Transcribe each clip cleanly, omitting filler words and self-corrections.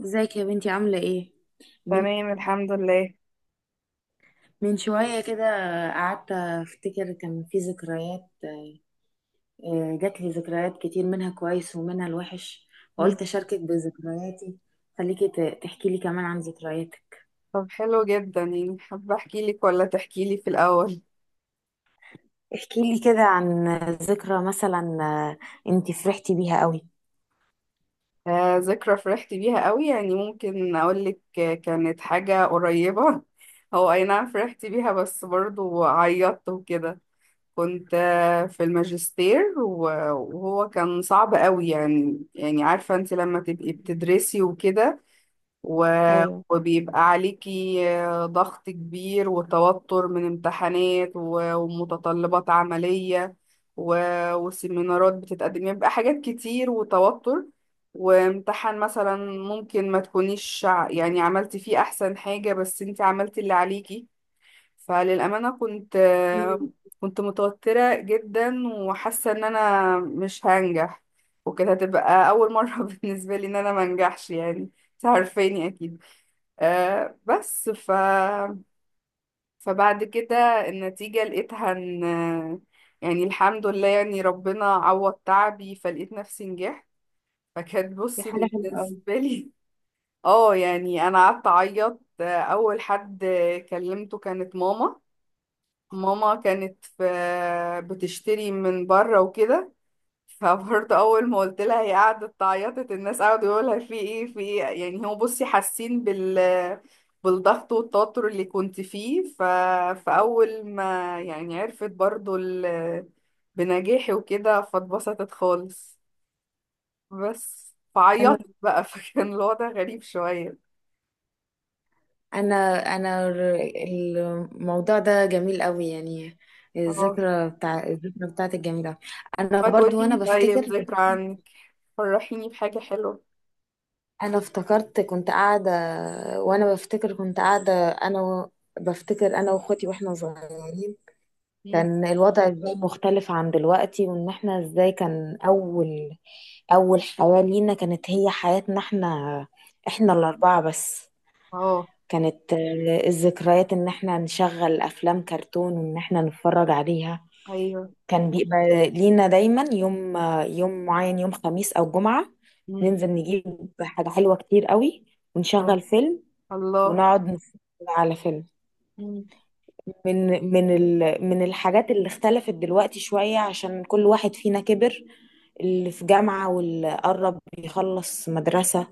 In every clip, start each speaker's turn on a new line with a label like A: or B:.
A: ازيك يا بنتي عاملة ايه؟ من
B: تمام، الحمد لله.
A: من شوية كده قعدت افتكر كان في ذكريات، جات لي ذكريات كتير منها كويس ومنها الوحش.
B: مم.
A: فقلت اشاركك بذكرياتي. خليكي تحكي لي كمان عن ذكرياتك.
B: طب حلو جدا، يعني حابة احكي لك ولا تحكي لي في الاول؟
A: احكي لي كده عن ذكرى مثلا، انتي فرحتي بيها قوي.
B: آه، ذكرى فرحت بيها قوي، يعني ممكن اقول لك. كانت حاجة قريبة هو اي نعم، فرحت بيها بس برضو عيطت وكده. كنت في الماجستير وهو كان صعب قوي، يعني عارفة انت لما تبقي بتدرسي وكده، و-
A: ايوه،
B: وبيبقى عليكي ضغط كبير وتوتر من امتحانات و- ومتطلبات عملية و- وسيمينارات بتتقدم. يبقى حاجات كتير وتوتر، وامتحان مثلا ممكن ما تكونيش يعني عملتي فيه أحسن حاجة بس انت عملتي اللي عليكي. فللأمانة كنت متوترة جدا وحاسة ان انا مش هنجح، وكانت هتبقى أول مرة بالنسبة لي ان انا منجحش يعني. انت عارفاني اكيد. آه، بس فبعد كده النتيجة لقيتها ان، يعني الحمد لله، يعني ربنا عوض تعبي فلقيت نفسي نجحت. فكانت،
A: دي
B: بصي،
A: حاجه حلوه
B: بالنسبة لي اه، يعني انا قعدت اعيط. اول حد كلمته كانت ماما. ماما كانت في بتشتري من بره وكده، فبرضه اول ما قلت لها هي قعدت تعيطت، الناس قعدوا يقولوا لها في ايه في ايه، يعني هو بصي حاسين بالضغط والتوتر اللي كنت فيه. فاول ما يعني عرفت برضه بنجاحي وكده فاتبسطت خالص، بس
A: قوي.
B: فعيطت بقى فكان الوضع غريب شوية.
A: انا انا الموضوع ده جميل قوي يعني،
B: اه.
A: الذكرى بتاعتك جميلة. انا
B: وهتقولي
A: برضو وانا
B: لي طيب
A: بفتكر.
B: ذكرى عنك، فرحيني بحاجة حلوة.
A: انا افتكرت كنت قاعدة، وانا بفتكر كنت قاعدة انا بفتكر انا واخواتي واحنا صغيرين.
B: مم.
A: كان الوضع ازاي مختلف عن دلوقتي، وان احنا ازاي كان اول حياة لينا كانت هي حياتنا احنا، احنا الاربعة بس.
B: اه.
A: كانت الذكريات ان احنا نشغل افلام كرتون وان احنا نتفرج عليها.
B: ايوه.
A: كان بيبقى لينا دايما يوم، يوم معين، يوم خميس او جمعة.
B: مم.
A: ننزل نجيب حاجة حلوة كتير قوي،
B: اه.
A: ونشغل فيلم،
B: الله.
A: ونقعد نتفرج على فيلم.
B: مم.
A: من من الحاجات اللي اختلفت دلوقتي شوية عشان كل واحد فينا كبر، اللي في جامعة واللي قرب يخلص مدرسة.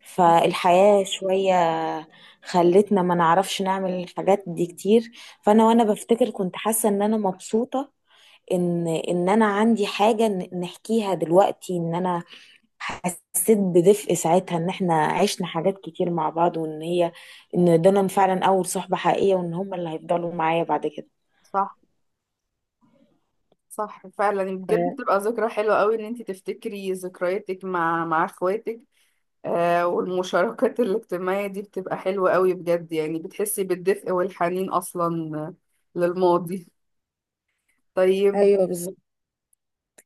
A: فالحياة شوية خلتنا ما نعرفش نعمل الحاجات دي كتير. وأنا بفتكر كنت حاسة إن أنا مبسوطة، إن أنا عندي حاجة نحكيها دلوقتي، إن أنا حسيت بدفء ساعتها، إن إحنا عشنا حاجات كتير مع بعض، وإن هي إن دول فعلا أول صحبة حقيقية، وإن هم اللي هيفضلوا معايا بعد كده.
B: صح. صح فعلا، يعني بجد بتبقى ذكرى حلوة قوي ان انت تفتكري ذكرياتك مع اخواتك. والمشاركات الاجتماعية دي بتبقى حلوة قوي بجد، يعني بتحسي بالدفء والحنين اصلا للماضي. طيب.
A: ايوه، بالظبط.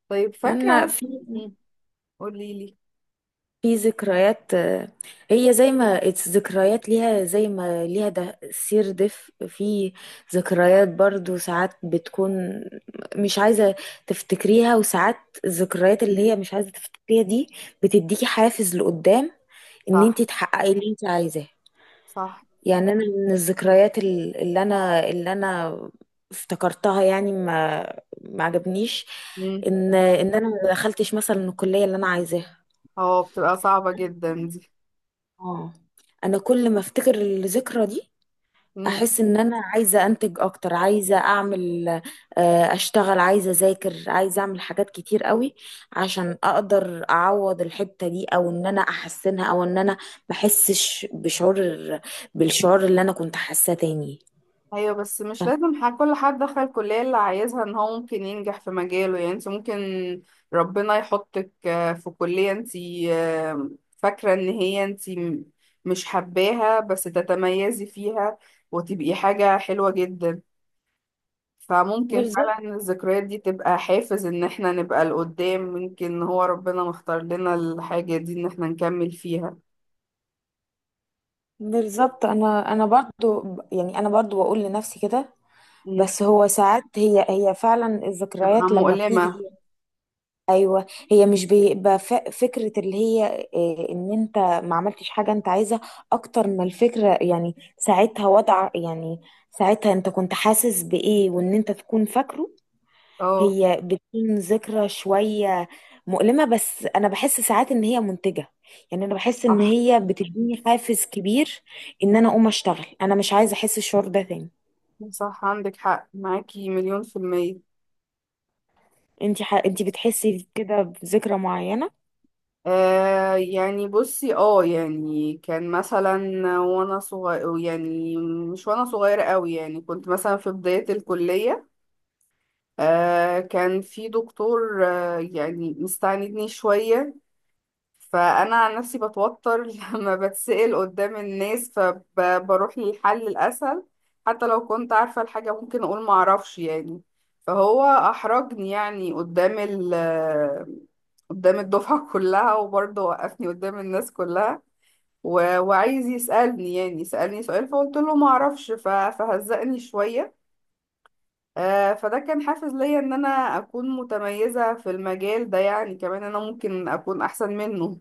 B: طيب،
A: انا
B: فاكرة؟
A: في
B: مم. قوليلي.
A: في ذكريات، هي زي ما it's ذكريات ليها زي ما ليها ده سير دف. في ذكريات برضو ساعات بتكون مش عايزة تفتكريها، وساعات الذكريات اللي
B: مم.
A: هي مش عايزة تفتكريها دي بتديكي حافز لقدام، ان انت
B: صح.
A: تحققي اللي انت عايزاه.
B: صح.
A: يعني انا من الذكريات اللي انا افتكرتها يعني ما عجبنيش
B: مم.
A: ان انا ما دخلتش مثلا الكليه اللي انا عايزاها.
B: اه، بتبقى صعبة جدا دي.
A: اه، انا كل ما افتكر الذكرى دي
B: مم.
A: احس ان انا عايزه انتج اكتر، عايزه اعمل، اشتغل، عايزه اذاكر، عايزه اعمل حاجات كتير قوي عشان اقدر اعوض الحته دي، او ان انا احسنها، او ان انا ما احسش بالشعور اللي انا كنت حاساه تاني.
B: ايوه، بس مش لازم كل حد دخل الكلية اللي عايزها ان هو ممكن ينجح في مجاله، يعني انت ممكن ربنا يحطك في كلية انت آه، فاكرة ان هي انت مش حباها بس تتميزي فيها، وتبقي حاجة حلوة جدا. فممكن
A: بالظبط،
B: فعلا الذكريات دي تبقى حافز ان احنا نبقى لقدام، ممكن هو ربنا مختار لنا الحاجة دي ان احنا نكمل فيها.
A: بالظبط. انا برضو يعني انا برضو بقول لنفسي كده.
B: مم.
A: بس هو ساعات هي فعلا
B: تبقى
A: الذكريات لما بتيجي
B: مؤلمة.
A: هي. ايوه، هي مش بيبقى فكره اللي هي، ان انت ما عملتش حاجه انت عايزها اكتر ما الفكره، يعني ساعتها وضع، يعني ساعتها انت كنت حاسس بايه وان انت تكون فاكره.
B: اه.
A: هي بتكون ذكرى شوية مؤلمة، بس أنا بحس ساعات إن هي منتجة، يعني أنا بحس إن
B: صح.
A: هي بتديني حافز كبير، إن أنا أقوم أشتغل، أنا مش عايزة أحس الشعور ده تاني.
B: صح، عندك حق، معاكي 1,000,000%.
A: أنتي بتحسي كده بذكرى معينة؟
B: آه، يعني بصي، يعني كان مثلا وانا صغير، يعني مش وانا صغيرة قوي، يعني كنت مثلا في بداية الكلية. آه، كان في دكتور يعني مستعندني شوية، فانا عن نفسي بتوتر لما بتسأل قدام الناس، فبروح للحل الاسهل. حتى لو كنت عارفة الحاجة ممكن اقول معرفش يعني. فهو احرجني يعني قدام الدفعة كلها، وبرضه وقفني قدام الناس كلها و... وعايز يسألني، يعني سألني سؤال فقلت له ما اعرفش ف... فهزقني شوية. فده كان حافز ليا ان انا اكون متميزة في المجال ده، يعني كمان انا ممكن اكون احسن منه.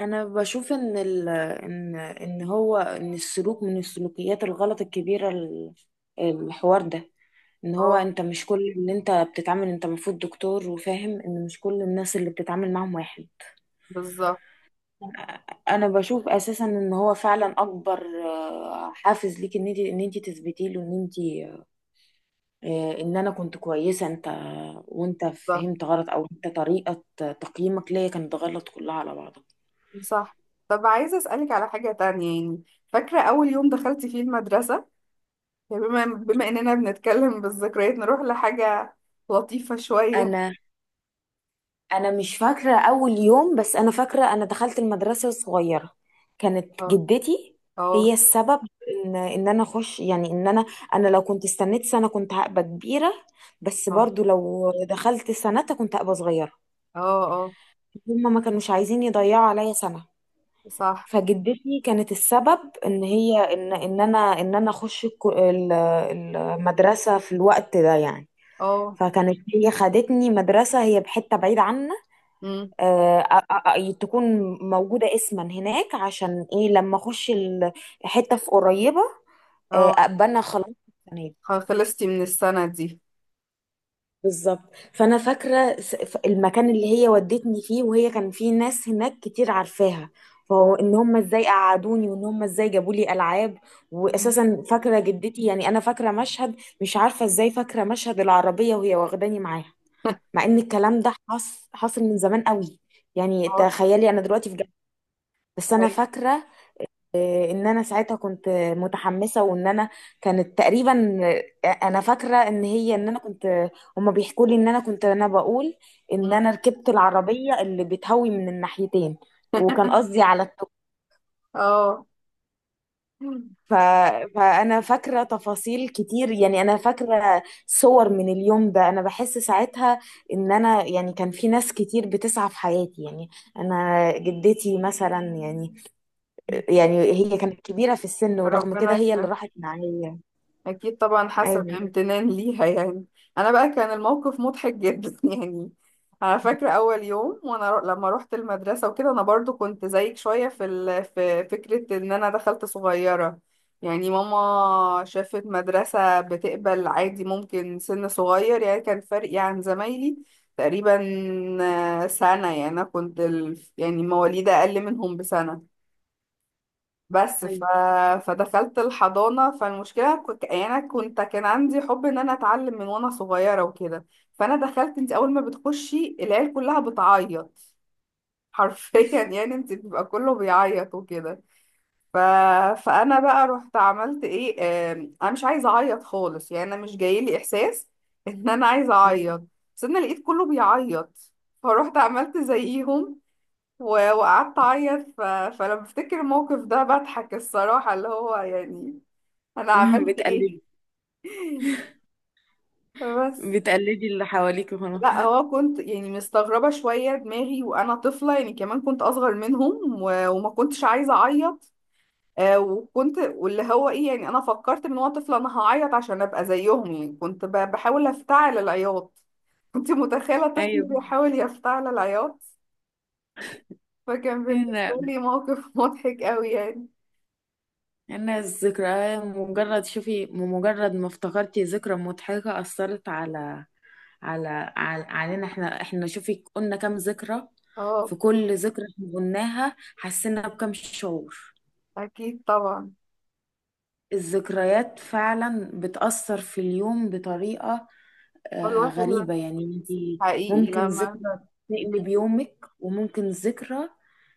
A: انا بشوف ان ال... ان ان هو ان السلوك من السلوكيات الغلط الكبيره، الحوار ده، ان هو
B: اه،
A: انت مش كل اللي انت بتتعامل، انت المفروض دكتور وفاهم ان مش كل الناس اللي بتتعامل معاهم واحد.
B: بالظبط.
A: انا بشوف اساسا ان هو فعلا اكبر، حافز ليك، ان انت تثبتي له ان انا كنت كويسه، وانت
B: صح.
A: فهمت غلط، او انت طريقه تقييمك ليا كانت غلط كلها على بعضها.
B: صح. طب عايزة اسألك على حاجة تانية يعني، فاكرة اول يوم دخلت فيه المدرسة؟ يعني بما اننا بنتكلم بالذكريات نروح لحاجة لطيفة شوية.
A: انا انا مش فاكره اول يوم، بس انا فاكره انا دخلت المدرسه الصغيره، كانت
B: اه.
A: جدتي
B: اه.
A: هي السبب ان انا اخش، يعني ان انا انا لو كنت استنيت سنه كنت هبقى كبيره، بس
B: اه.
A: برضو لو دخلت سنتها كنت هبقى صغيره.
B: اه.
A: هما ما كانوش عايزين يضيعوا عليا سنة.
B: صح.
A: فجدتي كانت السبب ان هي ان ان انا ان انا اخش المدرسة في الوقت ده يعني.
B: اه.
A: فكانت هي خدتني مدرسة هي بحتة بعيدة عنا.
B: امم.
A: تكون موجودة اسما هناك، عشان ايه لما اخش حتة في قريبة،
B: اه.
A: ابقى انا خلاص.
B: خلصتي من السنة دي؟
A: بالظبط. فانا فاكره، المكان اللي هي ودتني فيه، وهي كان فيه ناس هناك كتير عارفاها، فهو ان هم ازاي قعدوني وان هم ازاي جابوا لي العاب. واساسا فاكره جدتي، يعني انا فاكره مشهد، مش عارفه ازاي فاكره مشهد العربيه وهي واخداني معاها. مع ان الكلام ده حصل من زمان قوي، يعني
B: اه.
A: تخيلي انا دلوقتي في جامعه. بس انا
B: صحيح.
A: فاكره ان انا ساعتها كنت متحمسه، وان انا كانت تقريبا، انا فاكره ان انا كنت، هما بيحكوا لي ان انا كنت، انا بقول ان
B: مم.
A: انا ركبت العربيه اللي بتهوي من الناحيتين، وكان قصدي على التوك.
B: اه.
A: ف... فانا فاكره تفاصيل كتير، يعني انا فاكره صور من اليوم ده. انا بحس ساعتها ان انا يعني كان في ناس كتير بتسعى في حياتي، يعني انا جدتي مثلا يعني، يعني هي كانت كبيره في السن، ورغم
B: ربنا
A: كده هي اللي
B: يخليك.
A: راحت معايا.
B: أكيد طبعا، حسب
A: ايوه.
B: امتنان ليها يعني. أنا بقى كان الموقف مضحك جدا يعني. أنا فاكرة أول يوم، وأنا لما روحت المدرسة وكده، أنا برضو كنت زيك شوية في في فكرة إن أنا دخلت صغيرة. يعني ماما شافت مدرسة بتقبل عادي ممكن سن صغير، يعني كان فرقي عن زمايلي تقريبا سنة. يعني أنا كنت يعني مواليد أقل منهم بسنة، بس
A: ايوه.
B: فدخلت الحضانة. فالمشكلة يعني أنا كنت كان عندي حب إن أنا أتعلم من وأنا صغيرة وكده. فأنا دخلت، أنت أول ما بتخشي العيال كلها بتعيط حرفيا يعني أنت بيبقى كله بيعيط وكده. ف... فأنا بقى رحت عملت إيه، أنا مش عايزة أعيط خالص، يعني أنا مش جايلي إحساس إن أنا عايزة أعيط. بس أنا لقيت كله بيعيط، فروحت عملت زيهم و- وقعدت اعيط. فلما بفتكر الموقف ده بضحك الصراحة، اللي هو يعني انا عملت ايه.
A: بتقلدي
B: بس
A: بتقلدي اللي حواليك وخلاص.
B: لا، هو كنت يعني مستغربة شوية دماغي وأنا طفلة، يعني كمان كنت أصغر منهم و- وما كنتش عايزة أعيط. وكنت واللي هو إيه، يعني أنا فكرت من وأنا طفلة أنا هعيط عشان أبقى زيهم. يعني كنت ب- بحاول أفتعل العياط، كنت متخيلة طفل
A: ايوه.
B: بيحاول يفتعل العياط. فكان بالنسبة
A: هنا
B: لي موقف مضحك قوي يعني.
A: هنا الذكرى، مجرد شوفي، مجرد ما افتكرتي ذكرى مضحكة أثرت على على على علينا، احنا شوفي قلنا كام ذكرى،
B: اه.
A: في كل ذكرى احنا قلناها حسينا بكم شعور.
B: أكيد طبعا.
A: الذكريات فعلا بتأثر في اليوم بطريقة،
B: الواحد، لا.
A: غريبة يعني انتي،
B: حقيقي
A: ممكن
B: لما.
A: ذكرى تقلب يومك، وممكن ذكرى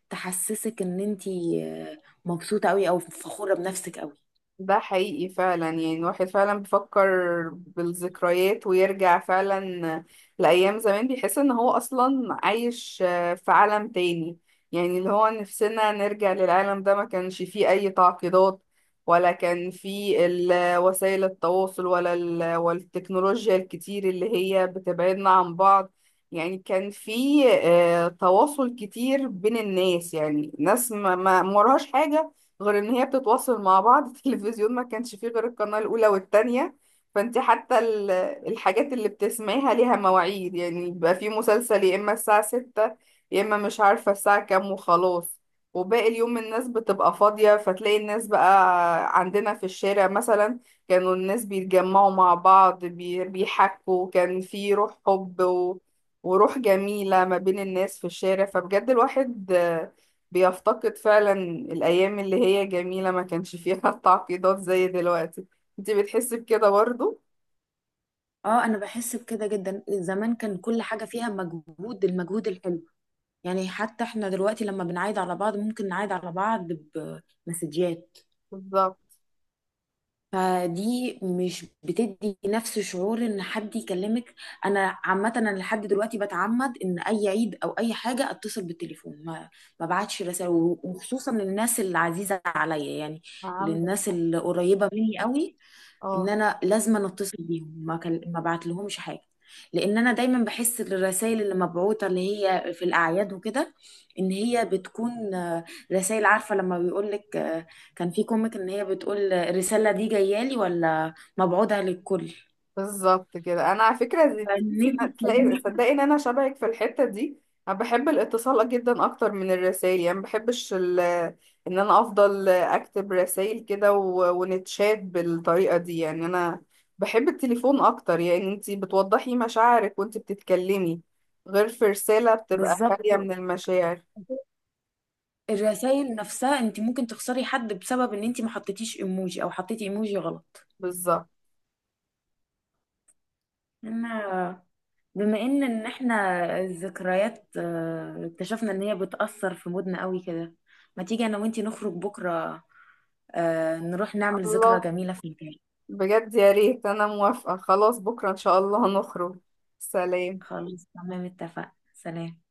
A: تحسسك ان انتي، مبسوطة قوي او فخورة بنفسك قوي.
B: ده حقيقي فعلا، يعني الواحد فعلا بيفكر بالذكريات ويرجع فعلا لأيام زمان، بيحس ان هو اصلا عايش في عالم تاني. يعني اللي هو نفسنا نرجع للعالم ده، ما كانش فيه اي تعقيدات، ولا كان فيه وسائل التواصل، ولا ال- والتكنولوجيا الكتير اللي هي بتبعدنا عن بعض. يعني كان فيه تواصل كتير بين الناس، يعني ناس ما وراهاش حاجة غير ان هي بتتواصل مع بعض التلفزيون ما كانش فيه غير القناة الاولى والتانية. فانت حتى الحاجات اللي بتسمعيها ليها مواعيد، يعني بيبقى فيه مسلسل يا اما الساعة 6 يا اما مش عارفة الساعة كام وخلاص. وباقي اليوم الناس بتبقى فاضية، فتلاقي الناس بقى عندنا في الشارع مثلا. كانوا الناس بيتجمعوا مع بعض بي- بيحكوا، كان في روح حب وروح جميلة ما بين الناس في الشارع. فبجد الواحد بيفتقد فعلا الأيام اللي هي جميلة ما كانش فيها تعقيدات زي دلوقتي. انت بتحسي بكده برضو؟
A: اه، انا بحس بكده جدا. زمان كان كل حاجة فيها مجهود، المجهود الحلو، يعني حتى احنا دلوقتي لما بنعايد على بعض ممكن نعايد على بعض بمسجات،
B: بالظبط.
A: فدي مش بتدي نفس شعور ان حد يكلمك. انا عامه انا لحد دلوقتي بتعمد ان اي عيد او اي حاجه اتصل بالتليفون، ما بعتش رسائل، وخصوصا للناس العزيزه عليا يعني،
B: عندك
A: للناس
B: حق.
A: القريبه مني قوي، ان
B: اه
A: انا لازم أنا اتصل بيهم، ما بعت لهمش حاجه. لان انا دايما بحس الرسائل اللي مبعوته اللي هي في الاعياد وكده، ان هي بتكون، رسائل. عارفه لما بيقول لك كان في كوميك ان هي بتقول، الرساله دي جايه لي ولا مبعوتها للكل،
B: بالظبط كده، انا على فكره،
A: فان
B: تحسي
A: انت
B: تلاقي
A: تخليني.
B: صدقي ان انا شبهك في الحته دي. انا بحب الاتصال جدا اكتر من الرسائل، يعني ما بحبش ان انا افضل اكتب رسائل كده و- ونتشات بالطريقه دي. يعني انا بحب التليفون اكتر، يعني انتي بتوضحي مشاعرك وانتي بتتكلمي غير في رساله بتبقى
A: بالظبط.
B: خاليه من المشاعر.
A: الرسائل نفسها، انت ممكن تخسري حد بسبب ان انت ما حطيتيش ايموجي او حطيتي ايموجي غلط.
B: بالظبط.
A: انا، بما ان احنا الذكريات، اكتشفنا ان هي بتأثر في مودنا قوي كده، ما تيجي انا وانتي نخرج بكرة، نروح نعمل ذكرى
B: الله.
A: جميلة في البيت.
B: بجد يا ريت، انا موافقه. خلاص بكره ان شاء الله هنخرج. سلام.
A: خلاص، تمام، اتفقنا، سلام.